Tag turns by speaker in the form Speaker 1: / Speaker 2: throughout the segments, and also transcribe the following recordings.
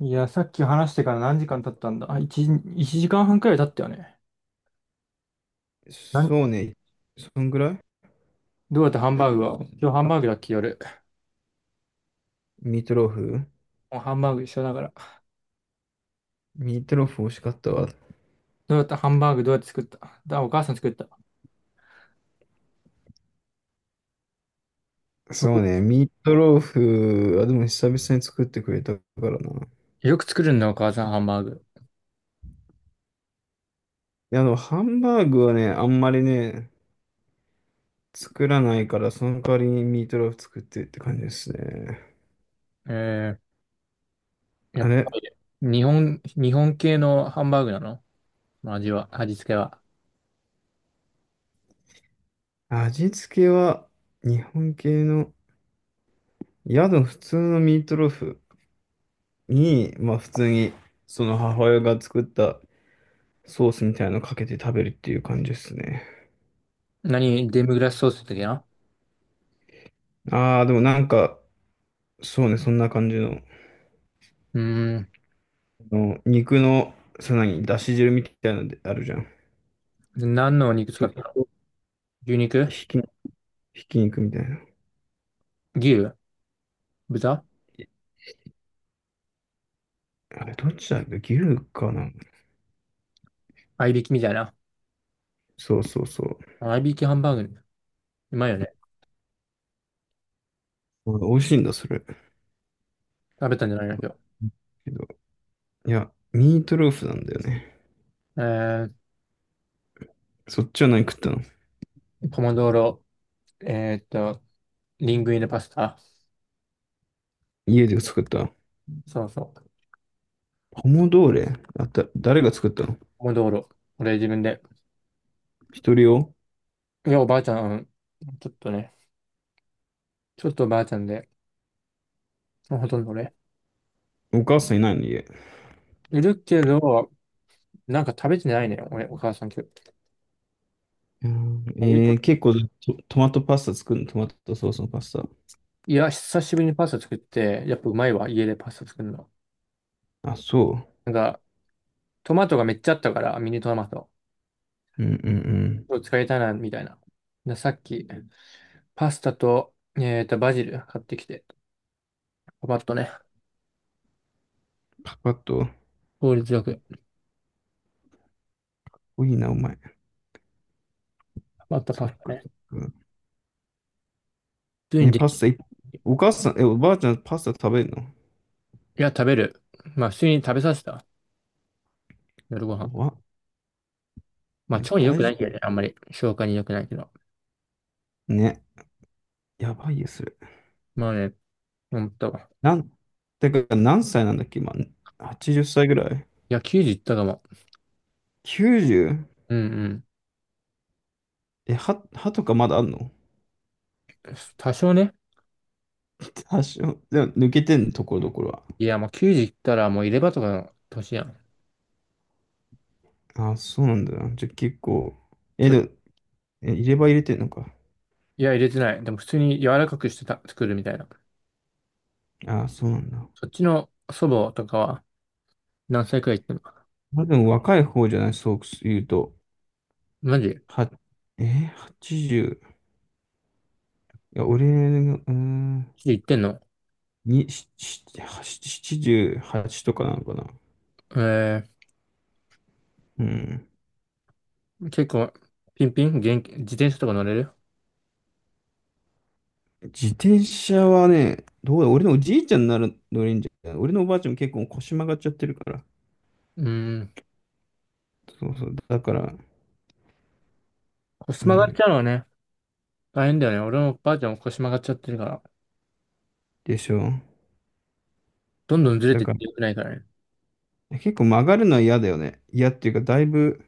Speaker 1: いや、さっき話してから何時間経ったんだ、あ、1、一時間半くらい経ったよね。なん
Speaker 2: そうね。そんぐらい。
Speaker 1: どうやってハンバーグは、今日ハンバーグだっけ、夜？
Speaker 2: ミートローフ。
Speaker 1: もうハンバーグ一緒だから。
Speaker 2: ミートローフ美味しかったわ。
Speaker 1: どうやって作った？お母さん作った。
Speaker 2: そうね。ミートローフ、あ、でも久々に作ってくれたからな。い
Speaker 1: よく作るんだ、お母さんハンバーグ？
Speaker 2: や、ハンバーグはね、あんまりね、作らないから、その代わりにミートローフ作ってって感じですね。
Speaker 1: えや
Speaker 2: あ
Speaker 1: っぱ
Speaker 2: れ。
Speaker 1: り、日本系のハンバーグなの、味は、味付けは？
Speaker 2: 味付けは、日本系の、宿の普通のミートローフに、まあ普通に、その母親が作ったソースみたいなのかけて食べるっていう感じですね。
Speaker 1: 何、デミグラスソースだっけな。
Speaker 2: ああ、でもなんか、そうね、そんな感じの、
Speaker 1: うーん、
Speaker 2: あの肉の、さらに、だし汁みたいなのであるじゃん。
Speaker 1: 何のお肉
Speaker 2: そ
Speaker 1: 使った
Speaker 2: れ
Speaker 1: の？
Speaker 2: と、
Speaker 1: 牛肉、
Speaker 2: ひき、ひき肉みたいな。
Speaker 1: 牛、豚、
Speaker 2: えあれ、どっちだっけ、牛かな。
Speaker 1: 合いびきみたいな。
Speaker 2: そうそうそう。
Speaker 1: 合いびきハンバーグ。うまいよね。
Speaker 2: あ、美味しいんだ、それ。
Speaker 1: 食べたんじゃないの今日？
Speaker 2: けど、いや、ミートローフなんだよね。
Speaker 1: えー
Speaker 2: そっちは何食ったの？
Speaker 1: ポモドーロ、えーっと、リングイネパスタ。
Speaker 2: 家で作った？
Speaker 1: そうそう。
Speaker 2: ポモドーレ。誰が作ったの？
Speaker 1: ポモドーロ。俺自分で。
Speaker 2: 一人用？
Speaker 1: いや、おばあちゃん、ちょっとね、ちょっとおばあちゃんで、ほとんど俺。
Speaker 2: お母さんいないの、家。
Speaker 1: いるけど、なんか食べてないね、俺、お母さん今
Speaker 2: うん。
Speaker 1: 日。
Speaker 2: 結構、トマトパスタ作るの？トマトソースのパスタ。
Speaker 1: いや、久しぶりにパスタ作って、やっぱうまいわ、家でパスタ作るの。
Speaker 2: あ、そ
Speaker 1: なんか、トマトがめっちゃあったから、ミニトマト。
Speaker 2: う。うんうんうん。
Speaker 1: 今日使いたいな、みたいな。で、さっき、パスタと、バジル買ってきて、パパッとね、
Speaker 2: パパッと。
Speaker 1: 効率よく、
Speaker 2: 多いな、お前。
Speaker 1: パパッとパ
Speaker 2: そっ
Speaker 1: スタ
Speaker 2: か
Speaker 1: ね。
Speaker 2: そっか。
Speaker 1: 普通に
Speaker 2: え、
Speaker 1: で
Speaker 2: パス
Speaker 1: き
Speaker 2: タい、お母さん、おばあちゃん、パスタ食べるの？
Speaker 1: いや、食べる。まあ、普通に食べさせた。夜ご飯。
Speaker 2: 怖っ。お
Speaker 1: まあ、
Speaker 2: 前
Speaker 1: 腸に良く
Speaker 2: 大
Speaker 1: な
Speaker 2: 丈
Speaker 1: いけどね、
Speaker 2: 夫？
Speaker 1: あんまり。消化に良くないけど。
Speaker 2: ね、やばいよ、それ。
Speaker 1: まあね、思っんと。
Speaker 2: なん、てか、何歳なんだっけ、今。80歳ぐらい？
Speaker 1: いや、9時いったかも。
Speaker 2: 90？
Speaker 1: うん
Speaker 2: え、歯とかまだあんの？
Speaker 1: うん。多少ね。
Speaker 2: 多少。でも、抜けてんの、ところどころは？
Speaker 1: いや、もう9時いったらもう入れ歯とかの年やん。
Speaker 2: ああ、そうなんだな。じゃあ、結構。え、で
Speaker 1: い
Speaker 2: も、入れ歯入れてんのか。
Speaker 1: や、入れてない。でも普通に柔らかくしてた、作るみたいな。
Speaker 2: ああ、そうなんだ。
Speaker 1: そっちの祖母とかは何歳くらい行ってんの？
Speaker 2: まあ、でも、若い方じゃない、そう言うと。
Speaker 1: マジ
Speaker 2: は、えー、80。いや、俺が、うーん、
Speaker 1: 言ってんの？
Speaker 2: に、78とかなのかな。
Speaker 1: え
Speaker 2: うん。
Speaker 1: 結構、ピンピン元気、自転車とか乗れる？
Speaker 2: 自転車はね、どうだ、俺のおじいちゃんになる乗れんじゃん。俺のおばあちゃんも結構腰曲がっちゃってるから。
Speaker 1: うーん。
Speaker 2: そうそう。だから、
Speaker 1: 腰
Speaker 2: う
Speaker 1: 曲がっちゃ
Speaker 2: ん。
Speaker 1: うのはね、大変だよね。俺もばあちゃんも腰曲がっちゃってるから。
Speaker 2: でしょ。
Speaker 1: どんどんずれ
Speaker 2: だ
Speaker 1: てっ
Speaker 2: か
Speaker 1: てよくないからね。
Speaker 2: ら、結構曲がるのは嫌だよね。嫌っていうか、だいぶ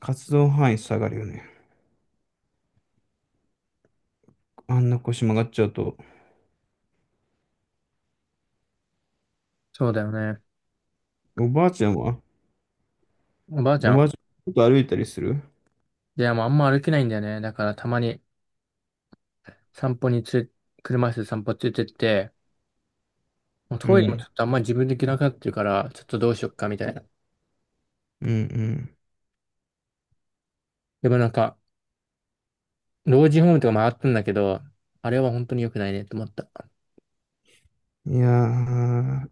Speaker 2: 活動範囲下がるよね。あんな腰曲がっちゃうと。
Speaker 1: そうだよね。
Speaker 2: おばあちゃんは？
Speaker 1: おばあちゃ
Speaker 2: おば
Speaker 1: ん。
Speaker 2: あちゃん、ちょっと歩いたりする？
Speaker 1: いや、もうあんま歩けないんだよね。だからたまに散歩につれ、車椅子で散歩つれてって、もう
Speaker 2: う
Speaker 1: トイレもちょ
Speaker 2: ん。
Speaker 1: っとあんまり自分で行けなくなってるから、ちょっとどうしよっかみたいな。
Speaker 2: うん
Speaker 1: でもなんか、老人ホームとか回ったんだけど、あれは本当に良くないねと思った。
Speaker 2: うん。いやー、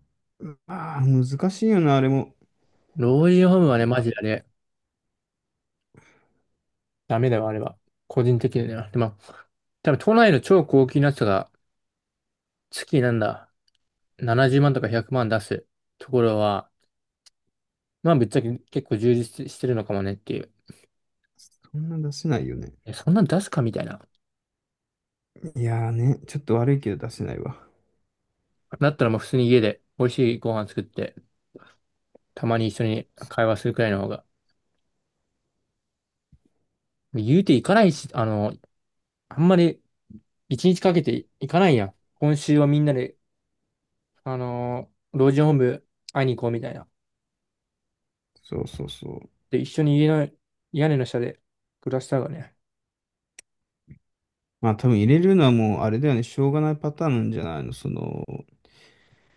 Speaker 2: あー、難しいよな、あれも。
Speaker 1: 老人ホームはね、マジであれ、ダメだよ、あれは。個人的には。でも、多分都内の超高級なやつが、月なんだ、70万とか100万出すところは、まあぶっちゃけ結構充実してるのかもねっていう。
Speaker 2: そんな出せないよね。
Speaker 1: え、そんなん出すかみたいな。
Speaker 2: いやーね、ちょっと悪いけど出せないわ。
Speaker 1: だったらもう普通に家で美味しいご飯作って、たまに一緒に会話するくらいの方が。言うて行かないし、あんまり一日かけて行かないやん。今週はみんなで、あの老人ホーム会いに行こうみたいな。
Speaker 2: そうそうそう。
Speaker 1: で、一緒に家の、屋根の下で暮らした方がね。
Speaker 2: まあ多分入れるのはもうあれだよね、しょうがないパターンなんじゃないの。も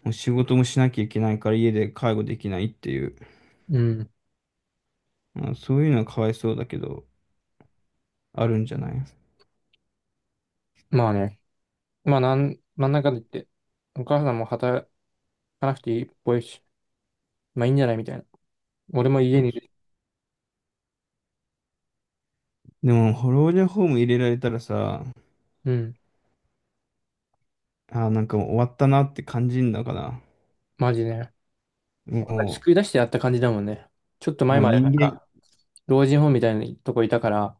Speaker 2: う仕事もしなきゃいけないから家で介護できないっていう。
Speaker 1: うん。
Speaker 2: まあ、そういうのはかわいそうだけど、あるんじゃない？
Speaker 1: まあね。まあ、なんだかんだ言って、お母さんも働かなくていいっぽいし、まあいいんじゃないみたいな。俺も
Speaker 2: そ
Speaker 1: 家
Speaker 2: う
Speaker 1: にい
Speaker 2: そ
Speaker 1: る。
Speaker 2: う。でも、老人ホーム入れられたらさ、
Speaker 1: うん。
Speaker 2: あー、なんかもう終わったなって感じんだから。
Speaker 1: マジで。
Speaker 2: も
Speaker 1: 救い出してやった感じだもんね。ちょっと
Speaker 2: う、
Speaker 1: 前
Speaker 2: もう
Speaker 1: までな
Speaker 2: 人
Speaker 1: ん
Speaker 2: 間、
Speaker 1: か、老人ホームみたいなとこいたから、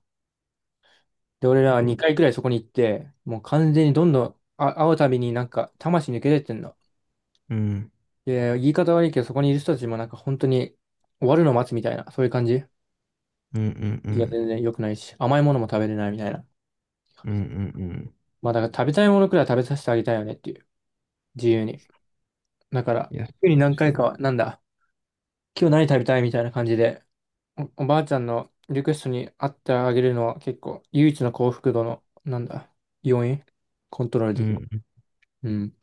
Speaker 1: で、俺らは
Speaker 2: そう。
Speaker 1: 2回くらいそこに行って、もう完全にどんどん、あ、会うたびになんか、魂抜け出てんの。
Speaker 2: うん、
Speaker 1: で、言い方悪いけど、そこにいる人たちもなんか本当に終わるのを待つみたいな、そういう感じ。
Speaker 2: うんうんう
Speaker 1: いや、
Speaker 2: ん。
Speaker 1: 全然良くないし、甘いものも食べれないみたいな。
Speaker 2: うんうんうん。
Speaker 1: まあ、だから食べたいものくらい食べさせてあげたいよねっていう、自由に。だから、
Speaker 2: いや、そ
Speaker 1: 週に
Speaker 2: う
Speaker 1: 何
Speaker 2: でし
Speaker 1: 回
Speaker 2: ょ
Speaker 1: か
Speaker 2: う。
Speaker 1: は、なんだ、今日何食べたいみたいな感じで、おばあちゃんのリクエストに合ってあげるのは結構唯一の幸福度の、なんだ、要因コントロール
Speaker 2: う
Speaker 1: できる。
Speaker 2: ん。
Speaker 1: うん。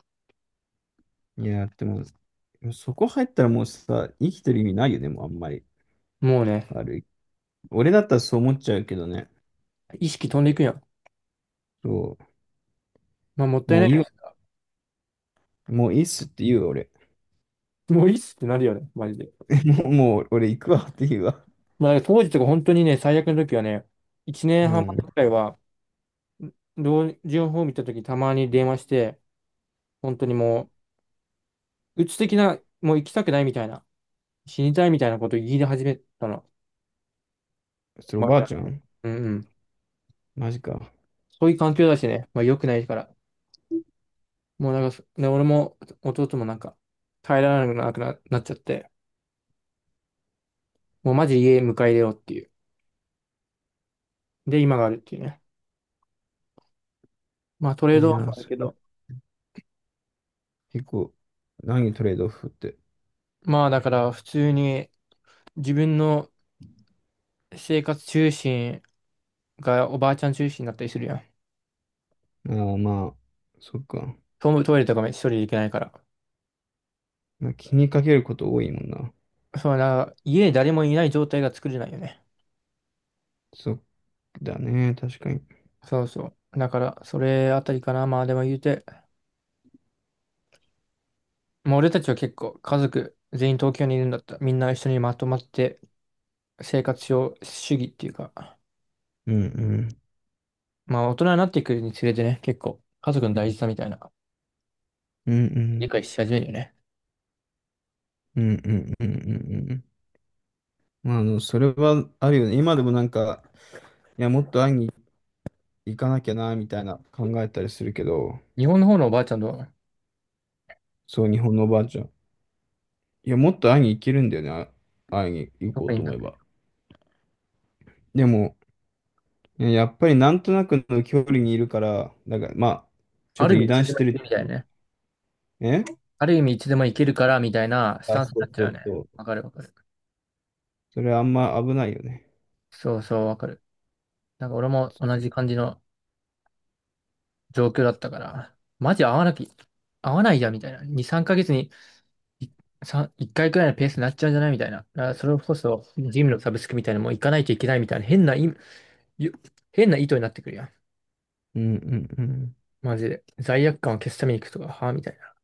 Speaker 2: いや、でもそこ入ったらもうさ、生きてる意味ないよね、もうあんまり。
Speaker 1: もうね、
Speaker 2: 悪い。俺だったらそう思っちゃうけどね。
Speaker 1: 意識飛んでいくやん。
Speaker 2: そ
Speaker 1: まあもっ
Speaker 2: う。
Speaker 1: たい
Speaker 2: も
Speaker 1: な
Speaker 2: ういいわ。
Speaker 1: い
Speaker 2: もういいっすって言うわ、俺。
Speaker 1: ね。もういいっすってなるよね、マジで。
Speaker 2: もう俺行くわって言うわ。
Speaker 1: まあだから当時とか本当にね、最悪の時はね、1年
Speaker 2: う
Speaker 1: 半前
Speaker 2: ん。
Speaker 1: くらいは、老人ホーム行った時たまに電話して、本当にもう、鬱的な、もう行きたくないみたいな、死にたいみたいなことを言い出始めたの。
Speaker 2: それ
Speaker 1: お
Speaker 2: お
Speaker 1: ばあ
Speaker 2: ば
Speaker 1: ち
Speaker 2: あ
Speaker 1: ゃん。
Speaker 2: ちゃん？
Speaker 1: うんうん。
Speaker 2: マジか。
Speaker 1: そういう環境だしね、まあ良くないから。もうなんかで、俺も弟もなんか、耐えられなくな、なっちゃって、もうマジ家迎え入れようっていう。で、今があるっていうね。まあトレー
Speaker 2: い
Speaker 1: ド
Speaker 2: や
Speaker 1: オフ
Speaker 2: ー、
Speaker 1: はある
Speaker 2: それ
Speaker 1: け
Speaker 2: か
Speaker 1: ど、
Speaker 2: 結構、何トレードオフって？
Speaker 1: まあだから普通に自分の生活中心がおばあちゃん中心になったりするやん。
Speaker 2: ああ、まあ、そっか。
Speaker 1: トイレとかも一人で行けないから。
Speaker 2: まあ、気にかけること多いもんな。
Speaker 1: そうな、家に誰もいない状態が作れないよね。
Speaker 2: そっだね、確かに。
Speaker 1: そうそう。だから、それあたりかな。まあでも言うて、もう俺たちは結構家族全員東京にいるんだった。みんな一緒にまとまって生活を主義っていうか。
Speaker 2: うんうん。
Speaker 1: まあ、大人になっていくにつれてね、結構、家族の大事さみたいな、
Speaker 2: うん
Speaker 1: 理
Speaker 2: う
Speaker 1: 解
Speaker 2: ん。
Speaker 1: し始めるよね。
Speaker 2: うんうんうんうんうん。まあ、それはあるよね。今でもなんか、いや、もっと会いに行かなきゃな、みたいな考えたりするけど、
Speaker 1: 日本の方のおばあちゃんと、
Speaker 2: そう、日本のおばあちゃん。いや、もっと会いに行けるんだよね。あ、会いに行こ
Speaker 1: 特
Speaker 2: う
Speaker 1: に
Speaker 2: と
Speaker 1: な
Speaker 2: 思
Speaker 1: ん
Speaker 2: え
Speaker 1: か、
Speaker 2: ば。でも、ね、やっぱりなんとなくの距離にいるから、だから、まあ、ちょ
Speaker 1: あ
Speaker 2: っ
Speaker 1: る
Speaker 2: と
Speaker 1: 意味
Speaker 2: 油
Speaker 1: いつ
Speaker 2: 断
Speaker 1: で
Speaker 2: し
Speaker 1: も行
Speaker 2: て
Speaker 1: け
Speaker 2: る。
Speaker 1: るみたいなね。
Speaker 2: え
Speaker 1: ある意味いつでも行けるから、みたいなス
Speaker 2: あ、
Speaker 1: タンスに
Speaker 2: そ
Speaker 1: なっ
Speaker 2: う
Speaker 1: ちゃ
Speaker 2: そ
Speaker 1: うよね。
Speaker 2: うそう。
Speaker 1: わかるわかる。
Speaker 2: それあんま危ないよね。
Speaker 1: そうそう、わかる。なんか俺も同じ感じの状況だったから、マジ合わなき、合わないじゃん、みたいな。2、3ヶ月にい1回くらいのペースになっちゃうんじゃないみたいな。だからそれこそ、ジムのサブスクみたいなのも行かないといけないみたいな、ゆ変な意図になってくるやん。
Speaker 2: うんうんうん。
Speaker 1: マジで。罪悪感を消すために行くとか、はあみたいな。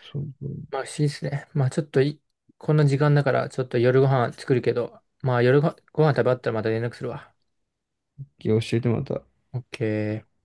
Speaker 2: そうそう。
Speaker 1: まあ不思議ですね。まあちょっとい、こんな時間だから、ちょっと夜ご飯作るけど、まあご飯食べ終わったらまた連絡するわ。
Speaker 2: 教えてまた。
Speaker 1: オッケー。